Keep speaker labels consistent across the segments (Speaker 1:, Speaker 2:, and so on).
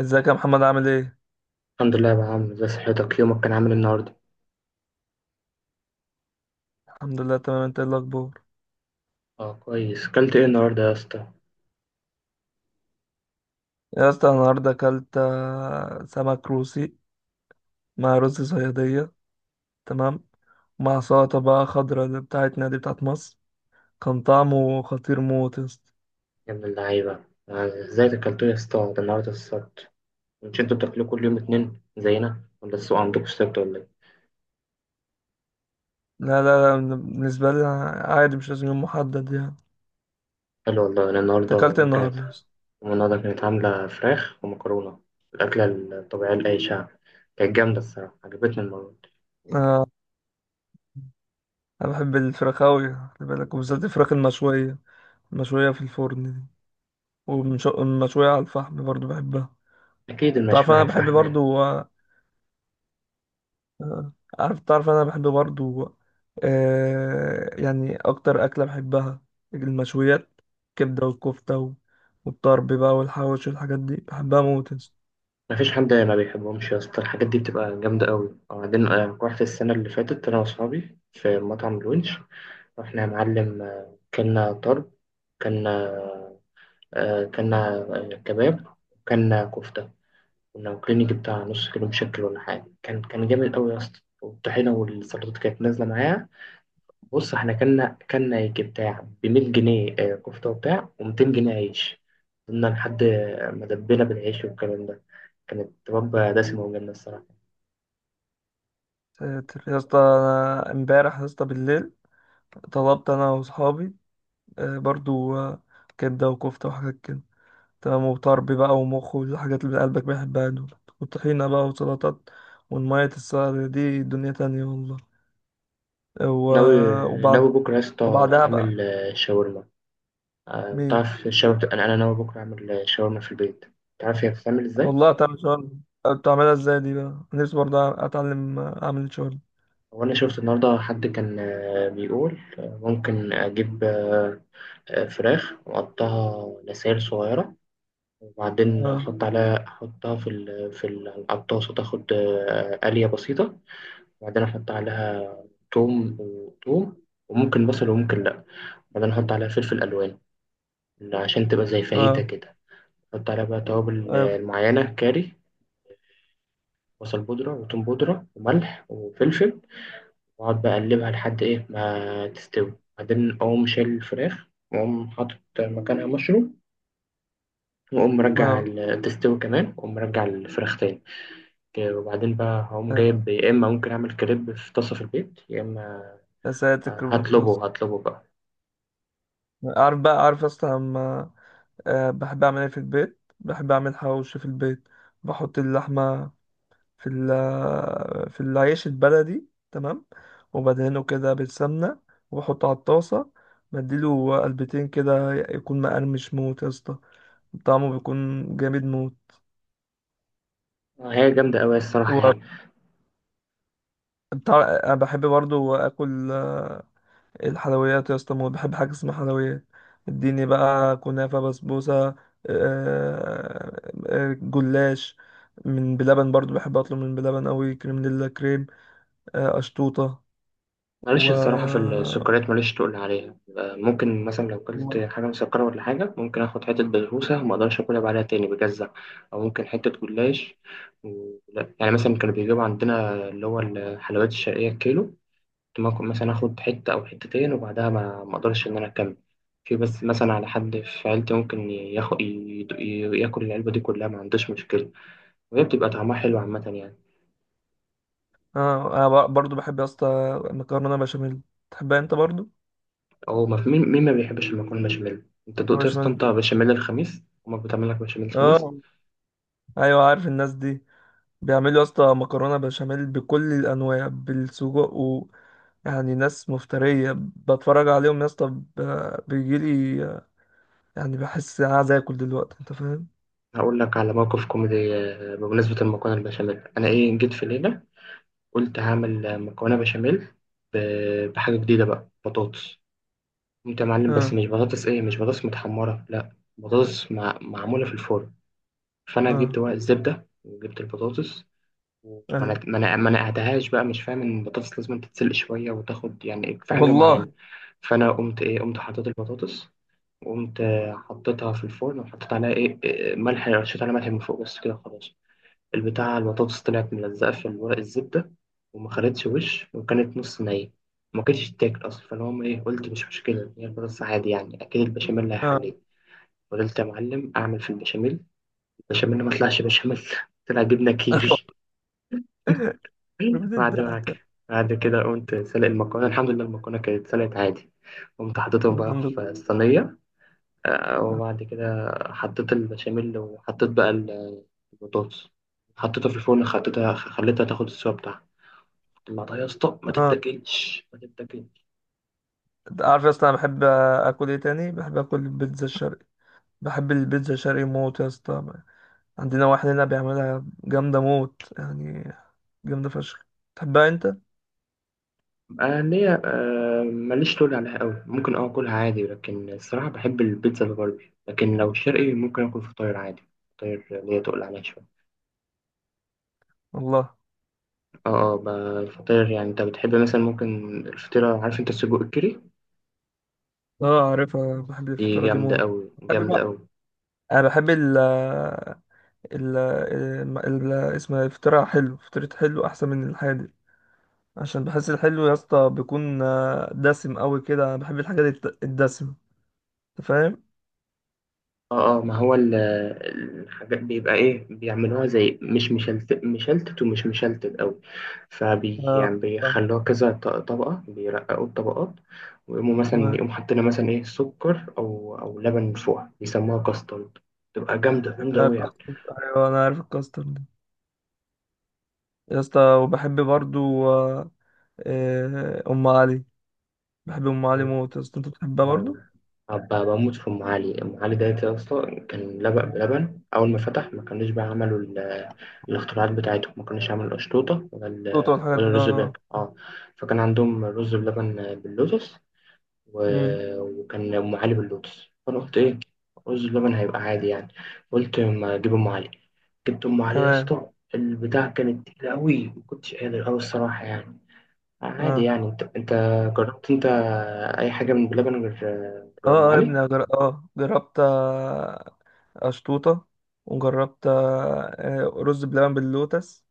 Speaker 1: ازيك يا محمد، عامل ايه؟
Speaker 2: الحمد لله يا أبو عمرو، ازي صحتك؟ يومك كان عامل إيه النهارده؟
Speaker 1: الحمد لله، تمام. انت ايه الاخبار؟
Speaker 2: اه، كويس. اكلت ايه النهارده يا اسطى؟
Speaker 1: يا اسطى، أنا النهارده اكلت سمك روسي مع رز صياديه. تمام. مع سلطه بقى خضراء اللي بتاعتنا دي بتاعت مصر. كان طعمه خطير موت يا اسطى.
Speaker 2: يا ابن اللعيبه. ازاي اكلتوا يا اسطى؟ ده النهارده السبت. مش انتوا بتاكلوا كل يوم اتنين زينا، ولا السوق عندكم السبت، ولا ايه؟
Speaker 1: لا لا لا، بالنسبه لي عادي، مش لازم يوم محدد يعني.
Speaker 2: حلو والله. انا
Speaker 1: انت
Speaker 2: النهارده
Speaker 1: اكلت ايه
Speaker 2: أمي كانت.
Speaker 1: النهارده يا اسطى؟
Speaker 2: أمي النهارده كانت عامله فراخ ومكرونه، الاكله الطبيعيه لاي شعب. كانت جامده الصراحه، عجبتني المره دي.
Speaker 1: آه انا بحب الفراخ اوي، خلي بالك، وبالذات الفراخ المشويه، المشويه في الفرن دي، والمشويه على الفحم برضو بحبها.
Speaker 2: اكيد
Speaker 1: تعرف
Speaker 2: المشوي على
Speaker 1: انا بحب
Speaker 2: الفحم يعني.
Speaker 1: برضو. آه. تعرف انا بحب برضو. يعني اكتر اكله بحبها المشويات: كبده والكفته والطرب بقى والحواوشي والحاجات دي بحبها موت يا اسطى.
Speaker 2: مفيش حد ما بيحبهمش يا اسطى، الحاجات دي بتبقى جامده قوي. وبعدين رحت السنه اللي فاتت انا واصحابي في مطعم الونش. رحنا يا معلم، كلنا طرب. كلنا كلنا كباب، وكلنا كفتة. كنا واكلين يجي بتاع نص كيلو مشكل ولا حاجة. كان جامد أوي يا اسطى، والطحينة والسلطات كانت نازلة معايا. بص، احنا كلنا يجي بتاع ب100 جنيه كفتة وبتاع، و200 جنيه عيش. كنا لحد ما دبينا بالعيش والكلام ده. كانت وجبة دسمة وجامدة الصراحة.
Speaker 1: ساتر. يا اسطى، أنا امبارح يا اسطى بالليل طلبت انا واصحابي برضو كبده وكفته وحاجات كده، تمام، وطرب بقى ومخ والحاجات اللي قلبك بيحبها دول، وطحينه بقى وسلطات، والمية السلطة دي دنيا تانية والله.
Speaker 2: ناوي
Speaker 1: وبعد.
Speaker 2: ناوي بكرة يا اسطى
Speaker 1: وبعدها بقى.
Speaker 2: أعمل شاورما.
Speaker 1: مين؟
Speaker 2: تعرف الشاورما، أنا ناوي بكرة أعمل شاورما في البيت. تعرف هي بتتعمل إزاي؟
Speaker 1: والله تعمل شغل. بتعملها ازاي دي بقى؟ نفسي برضه اتعلم اعمل شغل.
Speaker 2: هو أنا شفت النهاردة حد كان بيقول ممكن أجيب فراخ وأقطعها لسائل صغيرة. وبعدين
Speaker 1: اه،
Speaker 2: أحط عليها، أحطها على الطاسة، تاخد قلية بسيطة. وبعدين أحط عليها توم وتوم، وممكن بصل وممكن لأ. بعدين أحط عليها فلفل ألوان، عشان تبقى زي فاهيتا
Speaker 1: اه،
Speaker 2: كده. أحط عليها بقى توابل
Speaker 1: اه،
Speaker 2: معينة، كاري، بصل بودرة وتوم بودرة وملح وفلفل. وأقعد بقى أقلبها لحد إيه ما تستوي. بعدين أقوم شايل الفراخ، وأقوم حاطط مكانها مشروم، وأقوم مرجع
Speaker 1: اه.
Speaker 2: تستوي كمان، وأقوم مرجع الفراخ تاني. وبعدين بقى هقوم جايب، يا إما ممكن أعمل كريب في طاسة في البيت، يا إما
Speaker 1: يا ساتر، كريبتوس.
Speaker 2: هطلبه بقى.
Speaker 1: عارف اصلا لما بحب اعمل ايه في البيت؟ بحب اعمل حواوشي في البيت. بحط اللحمه في ال في العيش البلدي، تمام، وبدهنه كده بالسمنه، وبحطه على الطاسه، بديله قلبتين كده يكون مقرمش موت يا اسطى. طعمه بيكون جامد موت.
Speaker 2: هي جامدة أوي الصراحة يعني.
Speaker 1: انا بحب برضو اكل الحلويات يا اسطى موت. بحب حاجه اسمها حلويات. اديني بقى كنافه، بسبوسه، جلاش، من بلبن. برضو بحب اطلب من بلبن قوي، كريم كريم، اشطوطه.
Speaker 2: ماليش
Speaker 1: و
Speaker 2: الصراحة في السكريات، ماليش تقول عليها. ممكن مثلا لو أكلت
Speaker 1: والله.
Speaker 2: حاجة مسكرة ولا حاجة، ممكن آخد حتة بسبوسة وما أقدرش أكلها بعدها تاني، بجزع. أو ممكن حتة جلاش. لا يعني مثلا، كانوا بيجيبوا عندنا اللي هو الحلويات الشرقية الكيلو، كنت ممكن مثلا آخد حتة أو حتتين، وبعدها ما أقدرش إن أنا أكمل. في بس مثلا على حد في عيلتي ممكن ياخد ياكل العلبة دي كلها، ما عندوش مشكلة. وهي بتبقى طعمها حلو عامة يعني.
Speaker 1: اه، انا برضو بحب يا اسطى مكرونه بشاميل. تحبها انت برضو؟
Speaker 2: هو ما في مين مين ما بيحبش المكرونة بشاميل. انت دقت
Speaker 1: مكرونة
Speaker 2: يا اسطى،
Speaker 1: بشاميل
Speaker 2: انت
Speaker 1: دي…
Speaker 2: بشاميل الخميس؟ امك بتعمل لك بشاميل الخميس؟
Speaker 1: اه. ايوه، عارف الناس دي بيعملوا يا اسطى مكرونه بشاميل بكل الانواع، بالسجق و... يعني ناس مفتريه، بتفرج عليهم يا اسطى بيجيلي يعني بحس انا عايز اكل دلوقتي، انت فاهم.
Speaker 2: هقول لك على موقف كوميدي بمناسبة المكرونة البشاميل. انا ايه، جيت في ليلة، قلت هعمل مكرونة بشاميل بحاجة جديدة بقى، بطاطس. قمت يا معلم، بس
Speaker 1: اه،
Speaker 2: مش بطاطس ايه، مش بطاطس متحمرة لا، بطاطس معمولة في الفرن. فانا جبت
Speaker 1: اه،
Speaker 2: ورق الزبدة وجبت البطاطس، وما
Speaker 1: ايوه
Speaker 2: ما نقعتهاش بقى، مش فاهم ان البطاطس لازم تتسلق شوية وتاخد يعني في حاجة
Speaker 1: والله،
Speaker 2: معينة. فانا قمت ايه، قمت حطيت البطاطس، قمت حطيتها في الفرن وحطيت عليها ايه ملح، رشيت عليها ملح من فوق بس كده خلاص. البتاع البطاطس طلعت ملزقة في ورق الزبدة، وما خدتش وش، وكانت نص نية، ما كانتش تاكل اصلا. فاللي هم ايه، قلت مش مشكلة، هي البطاطس عادي يعني، اكيد البشاميل
Speaker 1: اه.
Speaker 2: هيحليه. فضلت يا معلم اعمل في البشاميل، البشاميل ما طلعش بشاميل. طلع جبنة كيري. بعد ما
Speaker 1: بتضحك.
Speaker 2: كده، بعد كده قمت سلق المكرونة. الحمد لله المكرونة كانت سلقت عادي. قمت حطيتهم بقى
Speaker 1: الحمد
Speaker 2: في
Speaker 1: لله،
Speaker 2: الصينية. وبعد كده حطيت البشاميل، وحطيت بقى البطاطس، حطيتها في الفرن، خليتها تاخد السوا بتاعها. طلعتها يا اسطى، ما
Speaker 1: اه.
Speaker 2: تتاكلش ما تتاكلش.
Speaker 1: أنت عارف يا اسطى انا بحب اكل ايه تاني؟ بحب اكل البيتزا الشرقي. بحب البيتزا الشرقي موت يا اسطى. عندنا واحد هنا بيعملها جامده موت يعني، جامده فشخ. تحبها انت؟
Speaker 2: آه ليا، ماليش طول عليها قوي. ممكن اكلها عادي، لكن الصراحه بحب البيتزا الغربي، لكن لو شرقي ممكن اكل فطاير عادي. فطاير ليا تقل عليها شويه.
Speaker 1: والله،
Speaker 2: اه، اه. الفطاير يعني، انت بتحب مثلا ممكن الفطيره، عارف انت السجق الكيري؟
Speaker 1: اه، عارفها. بحب
Speaker 2: دي
Speaker 1: الفطيرة دي
Speaker 2: جامده
Speaker 1: موت.
Speaker 2: قوي،
Speaker 1: بحب
Speaker 2: جامده
Speaker 1: بقى،
Speaker 2: قوي.
Speaker 1: انا بحب ال ال ال اسمها الفطيرة حلو. فطيرة حلو احسن من الحادق. عشان بحس الحلو يا اسطى بيكون دسم قوي كده. انا بحب الحاجات الدسمة، انت فاهم.
Speaker 2: اه، اه. ما هو الحاجات بيبقى ايه، بيعملوها زي مش مشلتت مشلتت ومش مشلتت قوي. فبي
Speaker 1: اه،
Speaker 2: يعني
Speaker 1: فاهم.
Speaker 2: بيخلوها كذا طبقة، بيرققوا الطبقات. ويقوموا مثلا
Speaker 1: تمام.
Speaker 2: يقوموا حاطين مثلا ايه سكر او لبن فوق، بيسموها كاسترد. تبقى جامدة جامدة قوي
Speaker 1: كاسترد، ايوه انا عارف الكاسترد ده يا اسطى. وبحب برضو ام علي. بحب ام علي موت يا اسطى، انت بتحبها
Speaker 2: يعني.
Speaker 1: برضو؟
Speaker 2: هبقى بموت في أم علي. أم علي ده يا اسطى كان لبق
Speaker 1: نعم.
Speaker 2: بلبن أول ما فتح، ما كانوش بقى عملوا الاختراعات بتاعتهم. ما كانوش عملوا القشطوطة ولا
Speaker 1: توت والحاجات
Speaker 2: ولا
Speaker 1: دي،
Speaker 2: الرز بلبن،
Speaker 1: اه.
Speaker 2: اه. فكان عندهم رز بلبن باللوتس.
Speaker 1: أمم،
Speaker 2: وكان أم علي باللوتس. فأنا قلت إيه، رز بلبن هيبقى عادي يعني. قلت ما أجيب أم علي. جبت أم علي يا
Speaker 1: تمام.
Speaker 2: اسطى، البتاع كانت تقيلة أوي، ما كنتش قادر أوي الصراحة يعني. عادي
Speaker 1: اه،
Speaker 2: يعني. أنت جربت أنت أي حاجة من بلبن غير، أم
Speaker 1: اه، اه، يا ابني،
Speaker 2: علي؟
Speaker 1: أنا جر... اه جربت اشطوطة. وجربت رز بلبن باللوتس.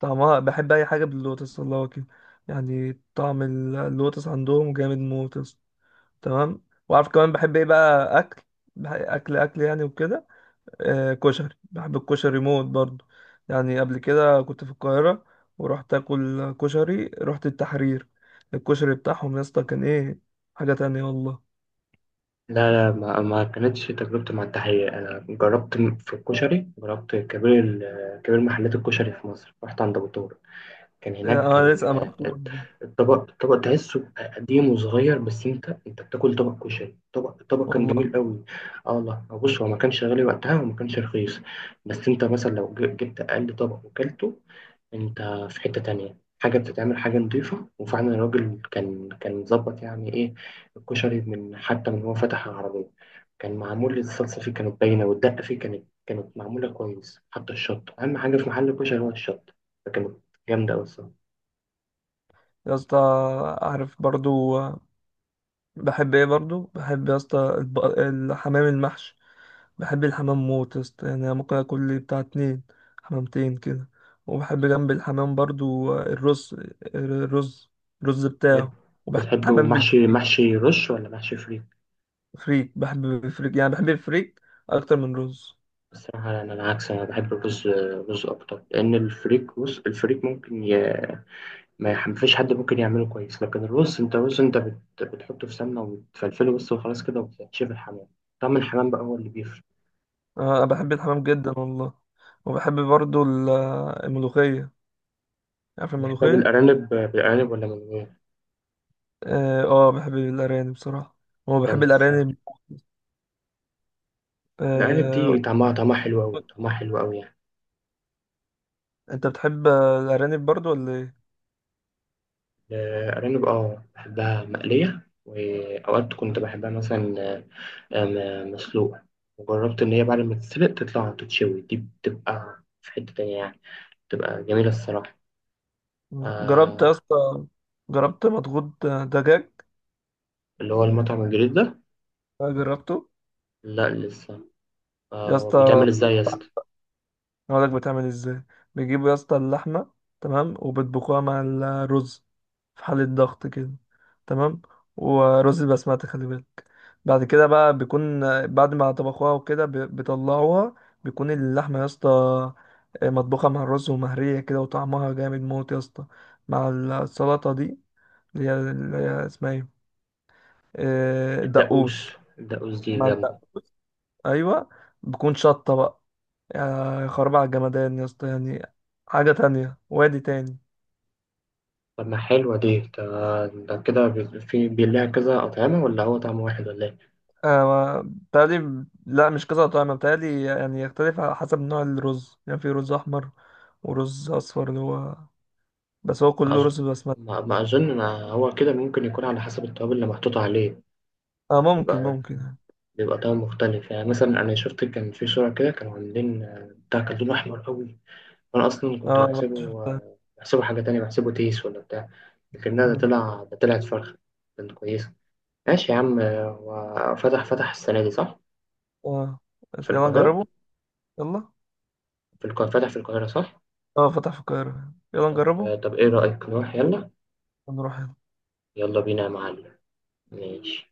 Speaker 1: طعمها… بحب اي حاجة باللوتس والله كده، يعني طعم اللوتس عندهم جامد موت يا اسطى. تمام. وعارف كمان بحب ايه بقى اكل؟ اكل اكل يعني وكده، كشري. بحب الكشري موت برضه. يعني قبل كده كنت في القاهرة، ورحت اكل كشري، رحت التحرير. الكشري بتاعهم يا اسطى كان ايه، حاجة تانية والله.
Speaker 2: لا، لا، ما, ما كانتش تجربتي مع التحية. أنا جربت في الكشري، جربت كبير كبير محلات الكشري في مصر، رحت عند أبو طارق. كان هناك،
Speaker 1: انا
Speaker 2: كان
Speaker 1: لسه ما رحتوش.
Speaker 2: الطبق تحسه قديم وصغير. بس أنت بتاكل طبق كشري طبق. الطبق كان
Speaker 1: والله
Speaker 2: جميل قوي. أه والله، بص هو ما كانش غالي وقتها وما كانش رخيص. بس أنت مثلا لو جبت أقل طبق وكلته، انت، في حتة تانية، حاجة بتتعمل حاجة نضيفة. وفعلا الراجل كان مظبط يعني ايه. الكشري من حتى من هو فتح العربية، كان معمول، الصلصة فيه كانت باينة، والدقة فيه كانت معمولة كويس. حتى الشط، أهم حاجة في محل الكشري هو الشط، فكانت جامدة أوي الصراحة.
Speaker 1: يا اسطى، عارف برضو بحب ايه برضو؟ بحب يا اسطى الحمام المحشي. بحب الحمام موت يا اسطى، يعني أنا ممكن اكل لي بتاع اتنين حمامتين كده. وبحب جنب الحمام برضو الرز. الرز الرز
Speaker 2: بت-
Speaker 1: بتاعه. وبحب
Speaker 2: بتحبه
Speaker 1: الحمام
Speaker 2: محشي رش ولا محشي فريك؟
Speaker 1: بالفريك، بحب الفريك يعني، بحب الفريك اكتر من رز.
Speaker 2: الصراحة أنا العكس، أنا بحب الرز، رز أكتر. لأن الفريك بص، الفريك ممكن ما يح- مفيش حد ممكن يعمله كويس. لكن الرز انت بتحطه في سمنه وتفلفله بس وخلاص كده، وبتشوف الحمام. طعم الحمام بقى هو اللي بيفرق. انت
Speaker 1: انا
Speaker 2: فاهم؟
Speaker 1: بحب الحمام جدا والله. وبحب برضو الملوخية، عارف
Speaker 2: بتحبها
Speaker 1: الملوخية.
Speaker 2: بالارانب ولا من غير؟
Speaker 1: اه، بحب الارانب بصراحة، هو بحب
Speaker 2: جامده الصراحه.
Speaker 1: الأرانب.
Speaker 2: الارانب
Speaker 1: آه،
Speaker 2: دي طعمها حلو قوي، طعمها حلو قوي يعني.
Speaker 1: انت بتحب الارانب برضو ولا ايه؟
Speaker 2: الارانب، اه، بحبها مقليه. واوقات كنت بحبها مثلا مسلوقه. وجربت ان هي بعد ما تتسلق تطلع تتشوي، دي بتبقى في حته تانية يعني. بتبقى جميله الصراحه.
Speaker 1: جربت
Speaker 2: آه.
Speaker 1: يا اسطى، جربت مضغوط دجاج؟
Speaker 2: اللي هو المطعم الجديد ده؟
Speaker 1: آه، جربته
Speaker 2: لا، لسه.
Speaker 1: يا
Speaker 2: هو
Speaker 1: اسطى.
Speaker 2: بيتعمل ازاي يا اسطى؟
Speaker 1: اقول لك بتعمل ازاي: بيجيبوا يا اسطى اللحمه، تمام، وبيطبخوها مع الرز في حالة ضغط كده، تمام. ورز البسمتي، خلي بالك. بعد كده بقى، بيكون بعد ما طبخوها وكده بيطلعوها، بيكون اللحمة يا اسطى مطبوخة مع الرز ومهرية كده، وطعمها جامد موت يا اسطى، مع السلطة دي، اللي هي اسمها ايه، الدقوس.
Speaker 2: الدقوس. الدقوس دي
Speaker 1: مع
Speaker 2: جامدة.
Speaker 1: الدقوس، ايوه، بكون شطة بقى. يا خراب على الجمدان يا اسطى يعني، حاجة تانية وادي تاني.
Speaker 2: طب ما حلوة دي. ده, ده كده في بيلاقي كذا أطعمة، ولا هو طعم واحد ولا إيه؟
Speaker 1: آه، بتهيألي لا، مش كذا طعم، بتهيألي يعني يختلف على حسب نوع الرز. يعني في رز أحمر ورز أصفر اللي هو… بس هو
Speaker 2: ما
Speaker 1: كله
Speaker 2: أظن.
Speaker 1: رز بسمتي.
Speaker 2: هو كده ممكن يكون على حسب التوابل اللي محطوطة عليه.
Speaker 1: آه، ممكن
Speaker 2: بيبقى
Speaker 1: ممكن يعني.
Speaker 2: طعم مختلف. يعني مثلا أنا شفت، كان في صورة كده، كانوا عاملين بتاع كان لونه أحمر قوي، وأنا أصلا كنت
Speaker 1: آه.
Speaker 2: بحسبه بحسبه حاجة تانية، بحسبه تيس ولا بتاع. لكنها
Speaker 1: مم.
Speaker 2: ده طلعت فرخة. كانت كويسة. ماشي يا عم. هو فتح السنة دي صح؟
Speaker 1: آه،
Speaker 2: في
Speaker 1: يلا
Speaker 2: القاهرة؟
Speaker 1: نجربه. يلا.
Speaker 2: في القاهرة، فتح في القاهرة صح؟
Speaker 1: آه، فتح في القاهرة، يلا نجربه.
Speaker 2: طب إيه رأيك نروح يلا؟
Speaker 1: ونروح
Speaker 2: يلا بينا يا معلم. ماشي.